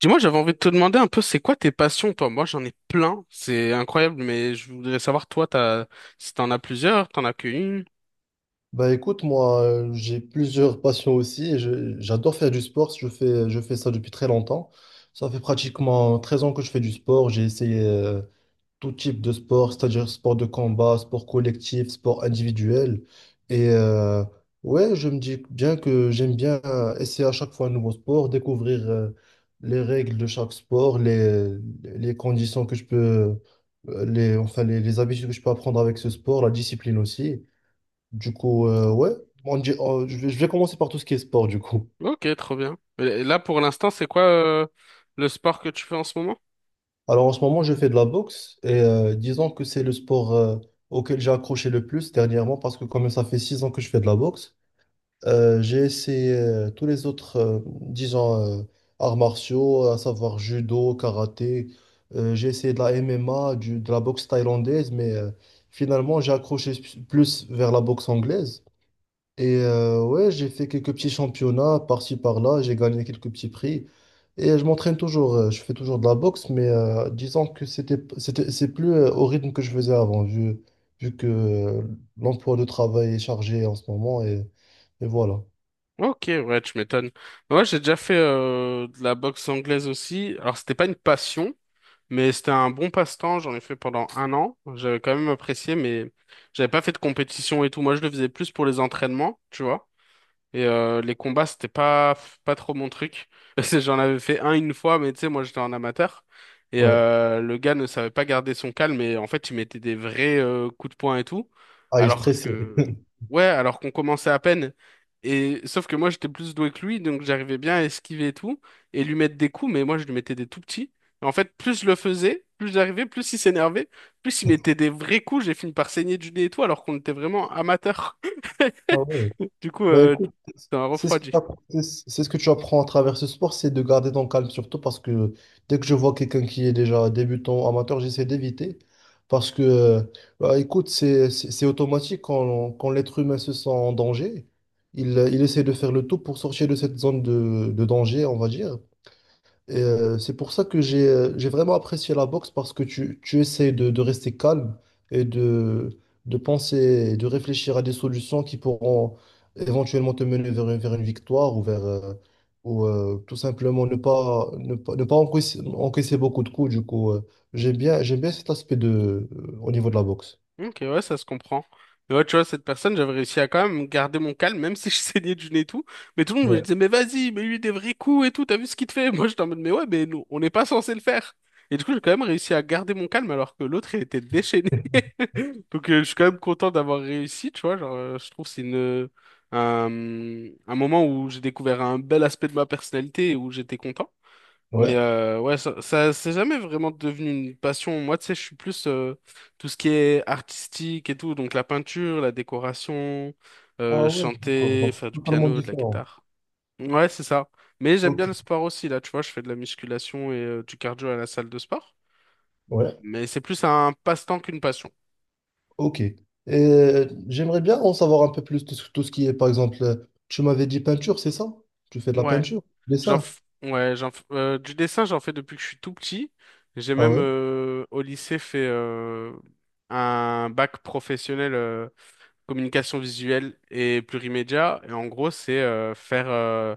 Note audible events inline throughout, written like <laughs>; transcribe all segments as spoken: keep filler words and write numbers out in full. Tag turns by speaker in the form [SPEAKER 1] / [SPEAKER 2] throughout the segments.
[SPEAKER 1] Dis-moi, j'avais envie de te demander un peu, c'est quoi tes passions, toi? Moi, j'en ai plein, c'est incroyable, mais je voudrais savoir, toi, t'as, si t'en as plusieurs, t'en as qu'une.
[SPEAKER 2] Bah écoute, moi euh, j'ai plusieurs passions aussi et je- j'adore faire du sport, je fais, je fais ça depuis très longtemps. Ça fait pratiquement treize ans que je fais du sport, j'ai essayé euh, tout type de sport, c'est-à-dire sport de combat, sport collectif, sport individuel. Et euh, ouais, je me dis bien que j'aime bien euh, essayer à chaque fois un nouveau sport, découvrir euh, les règles de chaque sport, les, les conditions que je peux, euh, les, enfin les les habitudes que je peux apprendre avec ce sport, la discipline aussi. Du coup, euh, ouais, on dit- on- je vais, je vais commencer par tout ce qui est sport, du coup.
[SPEAKER 1] Ok, trop bien. Et là, pour l'instant, c'est quoi, euh, le sport que tu fais en ce moment?
[SPEAKER 2] Alors, en ce moment, je fais de la boxe et euh, disons que c'est le sport euh, auquel j'ai accroché le plus dernièrement parce que comme ça fait six ans que je fais de la boxe, euh, j'ai essayé euh, tous les autres, euh, disons, euh, arts martiaux, à savoir judo, karaté. Euh, j'ai essayé de la M M A, du- de la boxe thaïlandaise, mais euh, finalement, j'ai accroché plus vers la boxe anglaise. Et euh, ouais, j'ai fait quelques petits championnats par-ci par-là, j'ai gagné quelques petits prix. Et je m'entraîne toujours, euh, je fais toujours de la boxe, mais euh, disons que c'était, c'était, c'est plus euh, au rythme que je faisais avant, vu, vu que euh, l'emploi de travail est chargé en ce moment, et, et voilà.
[SPEAKER 1] Ok, ouais, tu m'étonnes. Moi, j'ai déjà fait, euh, de la boxe anglaise aussi. Alors, c'était pas une passion, mais c'était un bon passe-temps. J'en ai fait pendant un an. J'avais quand même apprécié, mais j'avais pas fait de compétition et tout. Moi, je le faisais plus pour les entraînements, tu vois. Et euh, les combats, c'était pas, pas trop mon truc. <laughs> Parce que j'en avais fait un une fois, mais tu sais, moi j'étais en amateur. Et
[SPEAKER 2] Ouais.
[SPEAKER 1] euh, le gars ne savait pas garder son calme et en fait, il mettait des vrais euh, coups de poing et tout.
[SPEAKER 2] Ah, il est
[SPEAKER 1] Alors
[SPEAKER 2] stressé. <laughs>
[SPEAKER 1] que, ouais, alors qu'on commençait à peine. Et sauf que moi, j'étais plus doué que lui, donc j'arrivais bien à esquiver et tout, et lui mettre des coups, mais moi, je lui mettais des tout petits. Et en fait, plus je le faisais, plus j'arrivais, plus il s'énervait, plus il mettait des vrais coups, j'ai fini par saigner du nez et tout, alors qu'on était vraiment amateurs. <laughs>
[SPEAKER 2] Ah ouais.
[SPEAKER 1] Du coup,
[SPEAKER 2] Bah
[SPEAKER 1] euh,
[SPEAKER 2] écoute,
[SPEAKER 1] Ça m'a
[SPEAKER 2] c'est ce qui
[SPEAKER 1] refroidi.
[SPEAKER 2] t'apprend- c'est ce que tu apprends à travers ce sport, c'est de garder ton calme surtout parce que dès que je vois quelqu'un qui est déjà débutant, amateur, j'essaie d'éviter parce que, euh, bah, écoute, c'est c'est- c'est automatique quand, quand l'être humain se sent en danger, il, il essaie de faire le tout pour sortir de cette zone de, de danger, on va dire. Et, euh, c'est pour ça que j'ai euh, j'ai vraiment apprécié la boxe parce que tu, tu essaies de, de rester calme et de, de penser et de réfléchir à des solutions qui pourront éventuellement te mener vers une, vers une victoire ou vers euh, ou euh, tout simplement ne pas ne pas, ne pas encaisser, encaisser beaucoup de coups. Du coup, euh, j'aime bien j'aime bien cet aspect de euh, au niveau de la boxe.
[SPEAKER 1] Ok, ouais, ça se comprend. Mais ouais, tu vois, cette personne, j'avais réussi à quand même garder mon calme, même si je <laughs> saignais du nez et tout. Mais tout le monde me
[SPEAKER 2] Ouais.
[SPEAKER 1] disait, mais vas-y, mais lui des vrais coups et tout, t'as vu ce qu'il te fait? <laughs> Moi, j'étais en mode, mais ouais, mais nous, on n'est pas censé le faire. Et du coup, j'ai quand même réussi à garder mon calme alors que l'autre, il était déchaîné. <laughs> Donc, euh, je suis quand même content d'avoir réussi, tu vois. Genre, euh, je trouve que c'est une, euh, un, un moment où j'ai découvert un bel aspect de ma personnalité et où j'étais content. Mais
[SPEAKER 2] Ouais.
[SPEAKER 1] euh, ouais, ça, ça c'est jamais vraiment devenu une passion. Moi, tu sais, je suis plus euh, tout ce qui est artistique et tout, donc la peinture, la décoration, euh,
[SPEAKER 2] Ah ouais, d'accord.
[SPEAKER 1] chanter,
[SPEAKER 2] Donc,
[SPEAKER 1] faire du
[SPEAKER 2] totalement
[SPEAKER 1] piano, de la
[SPEAKER 2] différent.
[SPEAKER 1] guitare. Ouais, c'est ça. Mais j'aime bien
[SPEAKER 2] Ok.
[SPEAKER 1] le sport aussi, là, tu vois, je fais de la musculation et euh, du cardio à la salle de sport.
[SPEAKER 2] Ouais.
[SPEAKER 1] Mais c'est plus un passe-temps qu'une passion.
[SPEAKER 2] Ok. Euh, j'aimerais bien en savoir un peu plus de- sur tout ce qui est, par exemple, euh, tu m'avais dit peinture, c'est ça? Tu fais de la
[SPEAKER 1] Ouais,
[SPEAKER 2] peinture,
[SPEAKER 1] j'en
[SPEAKER 2] dessin.
[SPEAKER 1] f- ouais, j'en f- euh, du dessin, j'en fais depuis que je suis tout petit. J'ai
[SPEAKER 2] Ah
[SPEAKER 1] même
[SPEAKER 2] ouais?
[SPEAKER 1] euh, au lycée fait euh, un bac professionnel. Euh, communication visuelle et plurimédia. Et en gros, c'est euh, faire euh,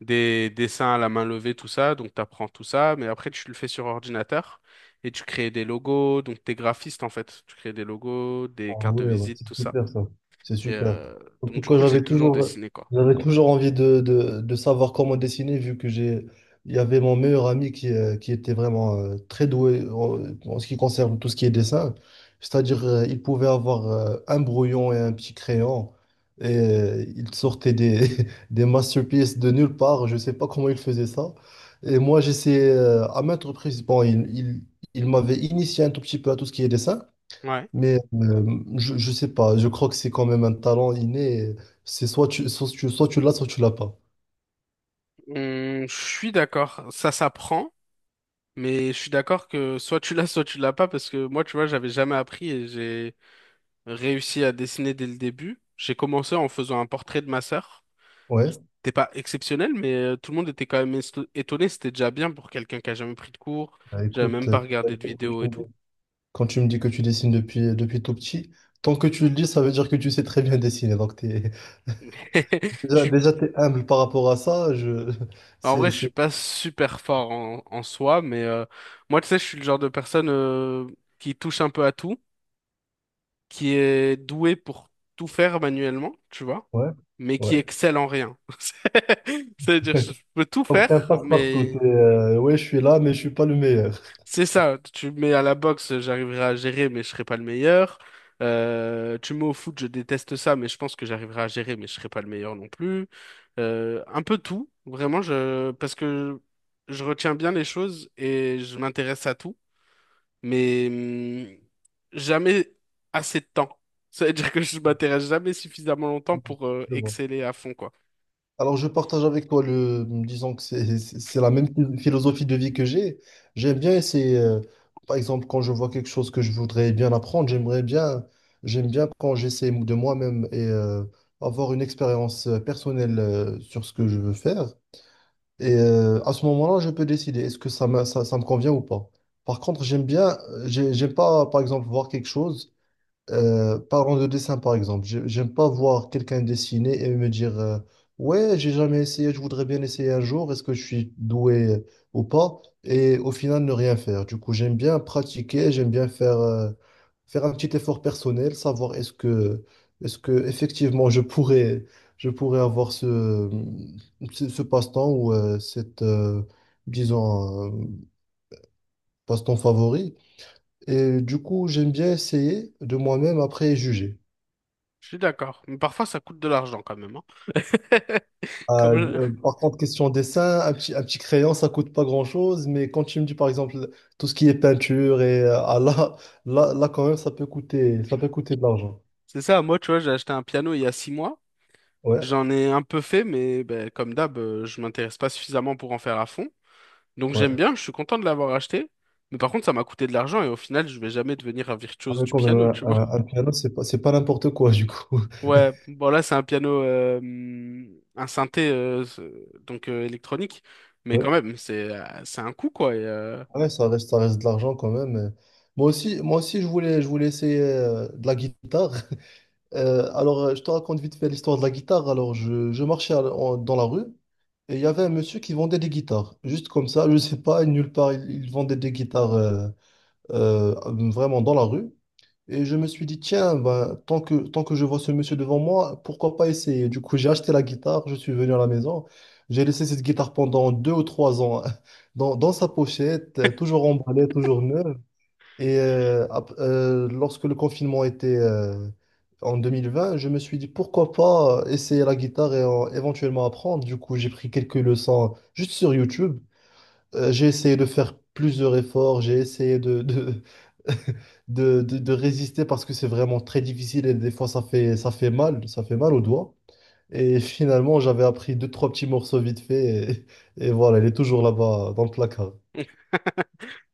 [SPEAKER 1] des dessins à la main levée, tout ça. Donc, tu apprends tout ça, mais après, tu le fais sur ordinateur et tu crées des logos. Donc, t'es graphiste, en fait. Tu crées des logos, des
[SPEAKER 2] Ah
[SPEAKER 1] cartes de
[SPEAKER 2] ouais, ouais,
[SPEAKER 1] visite,
[SPEAKER 2] c'est
[SPEAKER 1] tout ça.
[SPEAKER 2] super ça. C'est
[SPEAKER 1] Et,
[SPEAKER 2] super.
[SPEAKER 1] euh,
[SPEAKER 2] En
[SPEAKER 1] donc,
[SPEAKER 2] tout
[SPEAKER 1] du
[SPEAKER 2] cas,
[SPEAKER 1] coup, j'ai
[SPEAKER 2] j'avais
[SPEAKER 1] toujours
[SPEAKER 2] toujours,
[SPEAKER 1] dessiné, quoi.
[SPEAKER 2] j'avais toujours envie de, de, de savoir comment dessiner, vu que j'ai, il y avait mon meilleur ami qui, euh, qui était vraiment euh, très doué en, en ce qui concerne tout ce qui est dessin. C'est-à-dire, euh, il pouvait avoir euh, un brouillon et un petit crayon, et euh, il sortait des, <laughs> des masterpieces de nulle part. Je ne sais pas comment il faisait ça. Et moi, j'essayais euh, à maintes reprises. Bon, il, il, il m'avait initié un tout petit peu à tout ce qui est dessin.
[SPEAKER 1] Ouais.
[SPEAKER 2] Mais euh, je, je sais pas, je crois que c'est quand même un talent inné. C'est soit tu, soit tu, soit tu l'as, soit tu l'as pas.
[SPEAKER 1] Hum, je suis d'accord, ça s'apprend, mais je suis d'accord que soit tu l'as, <laughs> soit tu l'as pas, parce que moi, tu vois, j'avais jamais appris et j'ai réussi à dessiner dès le début. J'ai commencé en faisant un portrait de ma sœur.
[SPEAKER 2] Ouais,
[SPEAKER 1] C'était pas exceptionnel, mais euh, tout le monde était quand même esto- étonné. C'était déjà bien pour quelqu'un qui a jamais pris de cours.
[SPEAKER 2] bah
[SPEAKER 1] J'avais
[SPEAKER 2] écoute,
[SPEAKER 1] même pas
[SPEAKER 2] euh,
[SPEAKER 1] regardé de
[SPEAKER 2] quand
[SPEAKER 1] vidéos
[SPEAKER 2] tu
[SPEAKER 1] et
[SPEAKER 2] me dis
[SPEAKER 1] tout.
[SPEAKER 2] quand tu me dis que tu dessines depuis, euh, depuis tout petit, tant que tu le dis, ça veut dire que tu sais très bien dessiner. Donc t'es, <laughs>
[SPEAKER 1] <laughs> Je
[SPEAKER 2] déjà,
[SPEAKER 1] suis,
[SPEAKER 2] déjà t'es humble par rapport à ça. Je, <laughs>
[SPEAKER 1] En
[SPEAKER 2] c'est,
[SPEAKER 1] vrai, je suis
[SPEAKER 2] c'est,
[SPEAKER 1] pas super fort en, en soi, mais euh, moi, tu sais, je suis le genre de personne euh, qui touche un peu à tout, qui est doué pour tout faire manuellement, tu vois,
[SPEAKER 2] ouais,
[SPEAKER 1] mais qui
[SPEAKER 2] ouais.
[SPEAKER 1] excelle en rien. <laughs> C'est-à-dire, je peux tout
[SPEAKER 2] Donc t'es un
[SPEAKER 1] faire,
[SPEAKER 2] passe-partout.
[SPEAKER 1] mais
[SPEAKER 2] t'es, euh, ouais, je suis là, mais je suis pas le meilleur.
[SPEAKER 1] c'est ça. Tu me mets à la boxe, j'arriverai à gérer, mais je serai pas le meilleur. Euh, tu me mets au foot, je déteste ça, mais je pense que j'arriverai à gérer, mais je serai pas le meilleur non plus. Euh, un peu tout, vraiment, je, parce que je retiens bien les choses et je m'intéresse à tout mais hum, jamais assez de temps. Ça veut dire que je m'intéresse jamais suffisamment longtemps pour euh,
[SPEAKER 2] <laughs> Je vois.
[SPEAKER 1] exceller à fond, quoi.
[SPEAKER 2] Alors, je partage avec toi le, disons que c'est c'est- c'est la même phil- philosophie de vie que j'ai. J'aime bien essayer, euh, par exemple, quand je vois quelque chose que je voudrais bien apprendre, j'aimerais bien, j'aime bien quand j'essaie de moi-même et euh, avoir une expérience euh, personnelle euh, sur ce que je veux faire. Et euh, à ce moment-là, je peux décider est-ce que ça me, ça, ça me convient ou pas. Par contre, j'aime bien, euh, j'ai- j'aime pas, par exemple, voir quelque chose. Euh, parlons de dessin par exemple. J'ai- J'aime pas voir quelqu'un dessiner et me dire euh, ouais, j'ai jamais essayé, je voudrais bien essayer un jour, est-ce que je suis doué euh, ou pas? Et au final, ne rien faire. Du coup, j'aime bien pratiquer, j'aime bien faire, euh, faire un petit effort personnel, savoir est-ce que, est-ce que effectivement je pourrais, je pourrais avoir ce, ce, ce passe-temps ou euh, cette, euh, disons, euh, passe-temps favori. Et du coup, j'aime bien essayer de moi-même après juger.
[SPEAKER 1] Je suis d'accord. Mais parfois, ça coûte de l'argent quand même, hein. <laughs>
[SPEAKER 2] Ah,
[SPEAKER 1] Comme je-
[SPEAKER 2] euh, par contre, question dessin, un petit, un petit crayon, ça coûte pas grand-chose, mais quand tu me dis par exemple tout ce qui est peinture et euh, ah, là, là, là quand même ça peut coûter, ça peut coûter de l'argent.
[SPEAKER 1] C'est ça, moi, tu vois, j'ai acheté un piano il y a six mois.
[SPEAKER 2] Ouais,
[SPEAKER 1] J'en ai un peu fait, mais ben, comme d'hab, euh, je m'intéresse pas suffisamment pour en faire à fond. Donc j'aime
[SPEAKER 2] ouais.
[SPEAKER 1] bien, je suis content de l'avoir acheté. Mais par contre, ça m'a coûté de l'argent et au final, je vais jamais devenir un
[SPEAKER 2] Ah,
[SPEAKER 1] virtuose
[SPEAKER 2] mais
[SPEAKER 1] du
[SPEAKER 2] quand même,
[SPEAKER 1] piano, tu
[SPEAKER 2] un, un-
[SPEAKER 1] vois.
[SPEAKER 2] un piano, c'est pas, c'est pas n'importe quoi du coup. <laughs>
[SPEAKER 1] Ouais, bon là c'est un piano, euh, hum, un synthé euh, ce- donc euh, électronique, mais quand
[SPEAKER 2] Ouais,
[SPEAKER 1] même c'est euh, c'est un coup quoi. et, euh,
[SPEAKER 2] ouais, ça reste, ça reste de l'argent quand même. Moi aussi, moi aussi, je voulais, je voulais essayer euh, de la guitare. Euh, alors, euh, je te raconte vite fait l'histoire de la guitare. Alors, je, je marchais à la- en- dans la rue et il y avait un monsieur qui vendait des guitares. Juste comme ça, je sais pas, nulle part, il, il vendait des guitares euh, euh, vraiment dans la rue. Et je me suis dit, tiens, ben, tant que, tant que je vois ce monsieur devant moi, pourquoi pas essayer? Du coup, j'ai acheté la guitare, je suis venu à la maison. J'ai laissé cette guitare pendant deux ou trois ans <laughs> dans, dans sa pochette, euh, toujours emballée, toujours neuve. Et euh, ap- euh, lorsque le confinement était euh, en deux mille vingt, je me suis dit pourquoi pas essayer la guitare et euh, éventuellement apprendre. Du coup, j'ai pris quelques leçons juste sur YouTube. Euh, j'ai essayé de faire plusieurs efforts, j'ai essayé de, de, <laughs> de, de- de résister parce que c'est vraiment très difficile et des fois ça fait, ça fait mal, ça fait mal aux doigts. Et <laughs> finalement, j'avais appris deux, trois petits morceaux vite fait et, <laughs> et voilà, elle est toujours là-bas dans le placard.
[SPEAKER 1] <laughs>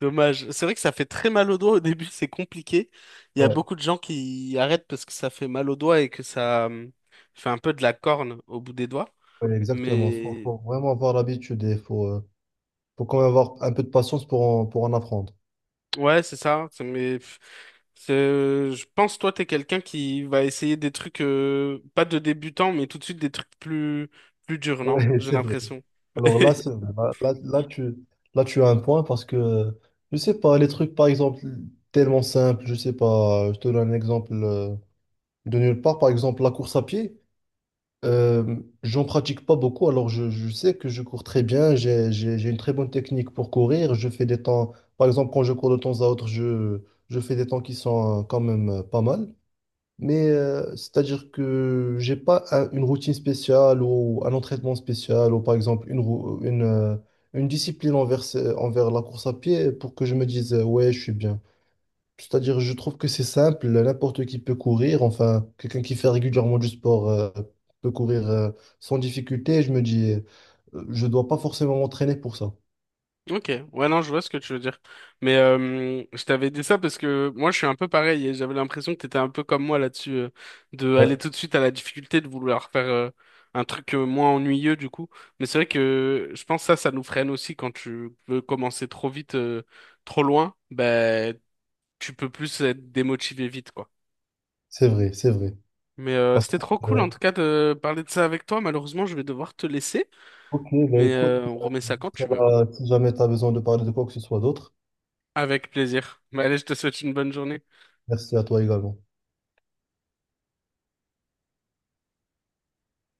[SPEAKER 1] Dommage. C'est vrai que ça fait très mal au doigt au début, c'est compliqué. Il y a
[SPEAKER 2] Ouais,
[SPEAKER 1] beaucoup de gens qui arrêtent parce que ça fait mal au doigt et que ça hum, fait un peu de la corne au bout des doigts.
[SPEAKER 2] ouais, exactement. Faut,
[SPEAKER 1] Mais
[SPEAKER 2] faut vraiment avoir l'habitude et faut, euh, faut quand même avoir un peu de patience pour en, pour en apprendre.
[SPEAKER 1] Ouais, c'est ça. c'est- Mais pff, c'est- je pense toi, t'es quelqu'un qui va essayer des trucs euh, pas de débutant, mais tout de suite des trucs plus plus durs, non?
[SPEAKER 2] Ouais, <laughs>
[SPEAKER 1] J'ai
[SPEAKER 2] c'est vrai.
[SPEAKER 1] l'impression.
[SPEAKER 2] Alors là,
[SPEAKER 1] <laughs>
[SPEAKER 2] c'est vrai. Là, là, là, tu, là, tu as un point parce que, je sais pas, les trucs, par exemple, tellement simples, je sais pas, je te donne un exemple euh, de nulle part, par exemple, la course à pied, euh, j'en pratique pas beaucoup, alors je, je sais que je cours très bien, j'ai, j'ai, j'ai une très bonne technique pour courir, je fais des temps, par exemple, quand je cours de temps à autre, je, je fais des temps qui sont euh, quand même euh, pas mal. Mais euh, c'est-à-dire que j'ai pas un- une routine spéciale ou un entraînement spécial ou par exemple une, rou- une, euh, une discipline envers, ce- envers la course à pied pour que je me dise euh, ouais, je suis bien. C'est-à-dire je trouve que c'est simple, n'importe qui peut courir, enfin quelqu'un qui fait régulièrement du sport euh, peut courir euh, sans difficulté. Je me dis euh, je dois pas forcément m'entraîner pour ça.
[SPEAKER 1] Ok, ouais, non, je vois ce que tu veux dire. Mais euh, je t'avais dit ça parce que moi, je suis un peu pareil et j'avais l'impression que t'étais un peu comme moi là-dessus, euh, de
[SPEAKER 2] Ouais,
[SPEAKER 1] aller tout de suite à la difficulté, de vouloir faire euh, un truc euh, moins ennuyeux du coup. Mais c'est vrai que je pense que ça, ça nous freine aussi quand tu veux commencer trop vite, euh, trop loin. Ben, tu peux plus être démotivé vite, quoi.
[SPEAKER 2] c'est vrai, c'est vrai.
[SPEAKER 1] Mais euh,
[SPEAKER 2] Parce
[SPEAKER 1] c'était
[SPEAKER 2] que,
[SPEAKER 1] trop cool
[SPEAKER 2] euh,
[SPEAKER 1] en tout cas de parler de ça avec toi. Malheureusement, je vais devoir te laisser,
[SPEAKER 2] ok, bah
[SPEAKER 1] mais
[SPEAKER 2] écoute,
[SPEAKER 1] euh,
[SPEAKER 2] pour
[SPEAKER 1] on remet ça quand tu veux.
[SPEAKER 2] cela, si jamais tu as besoin de parler de quoi que ce soit d'autre,
[SPEAKER 1] Avec plaisir. Mais allez, je te souhaite une bonne journée.
[SPEAKER 2] merci à toi également.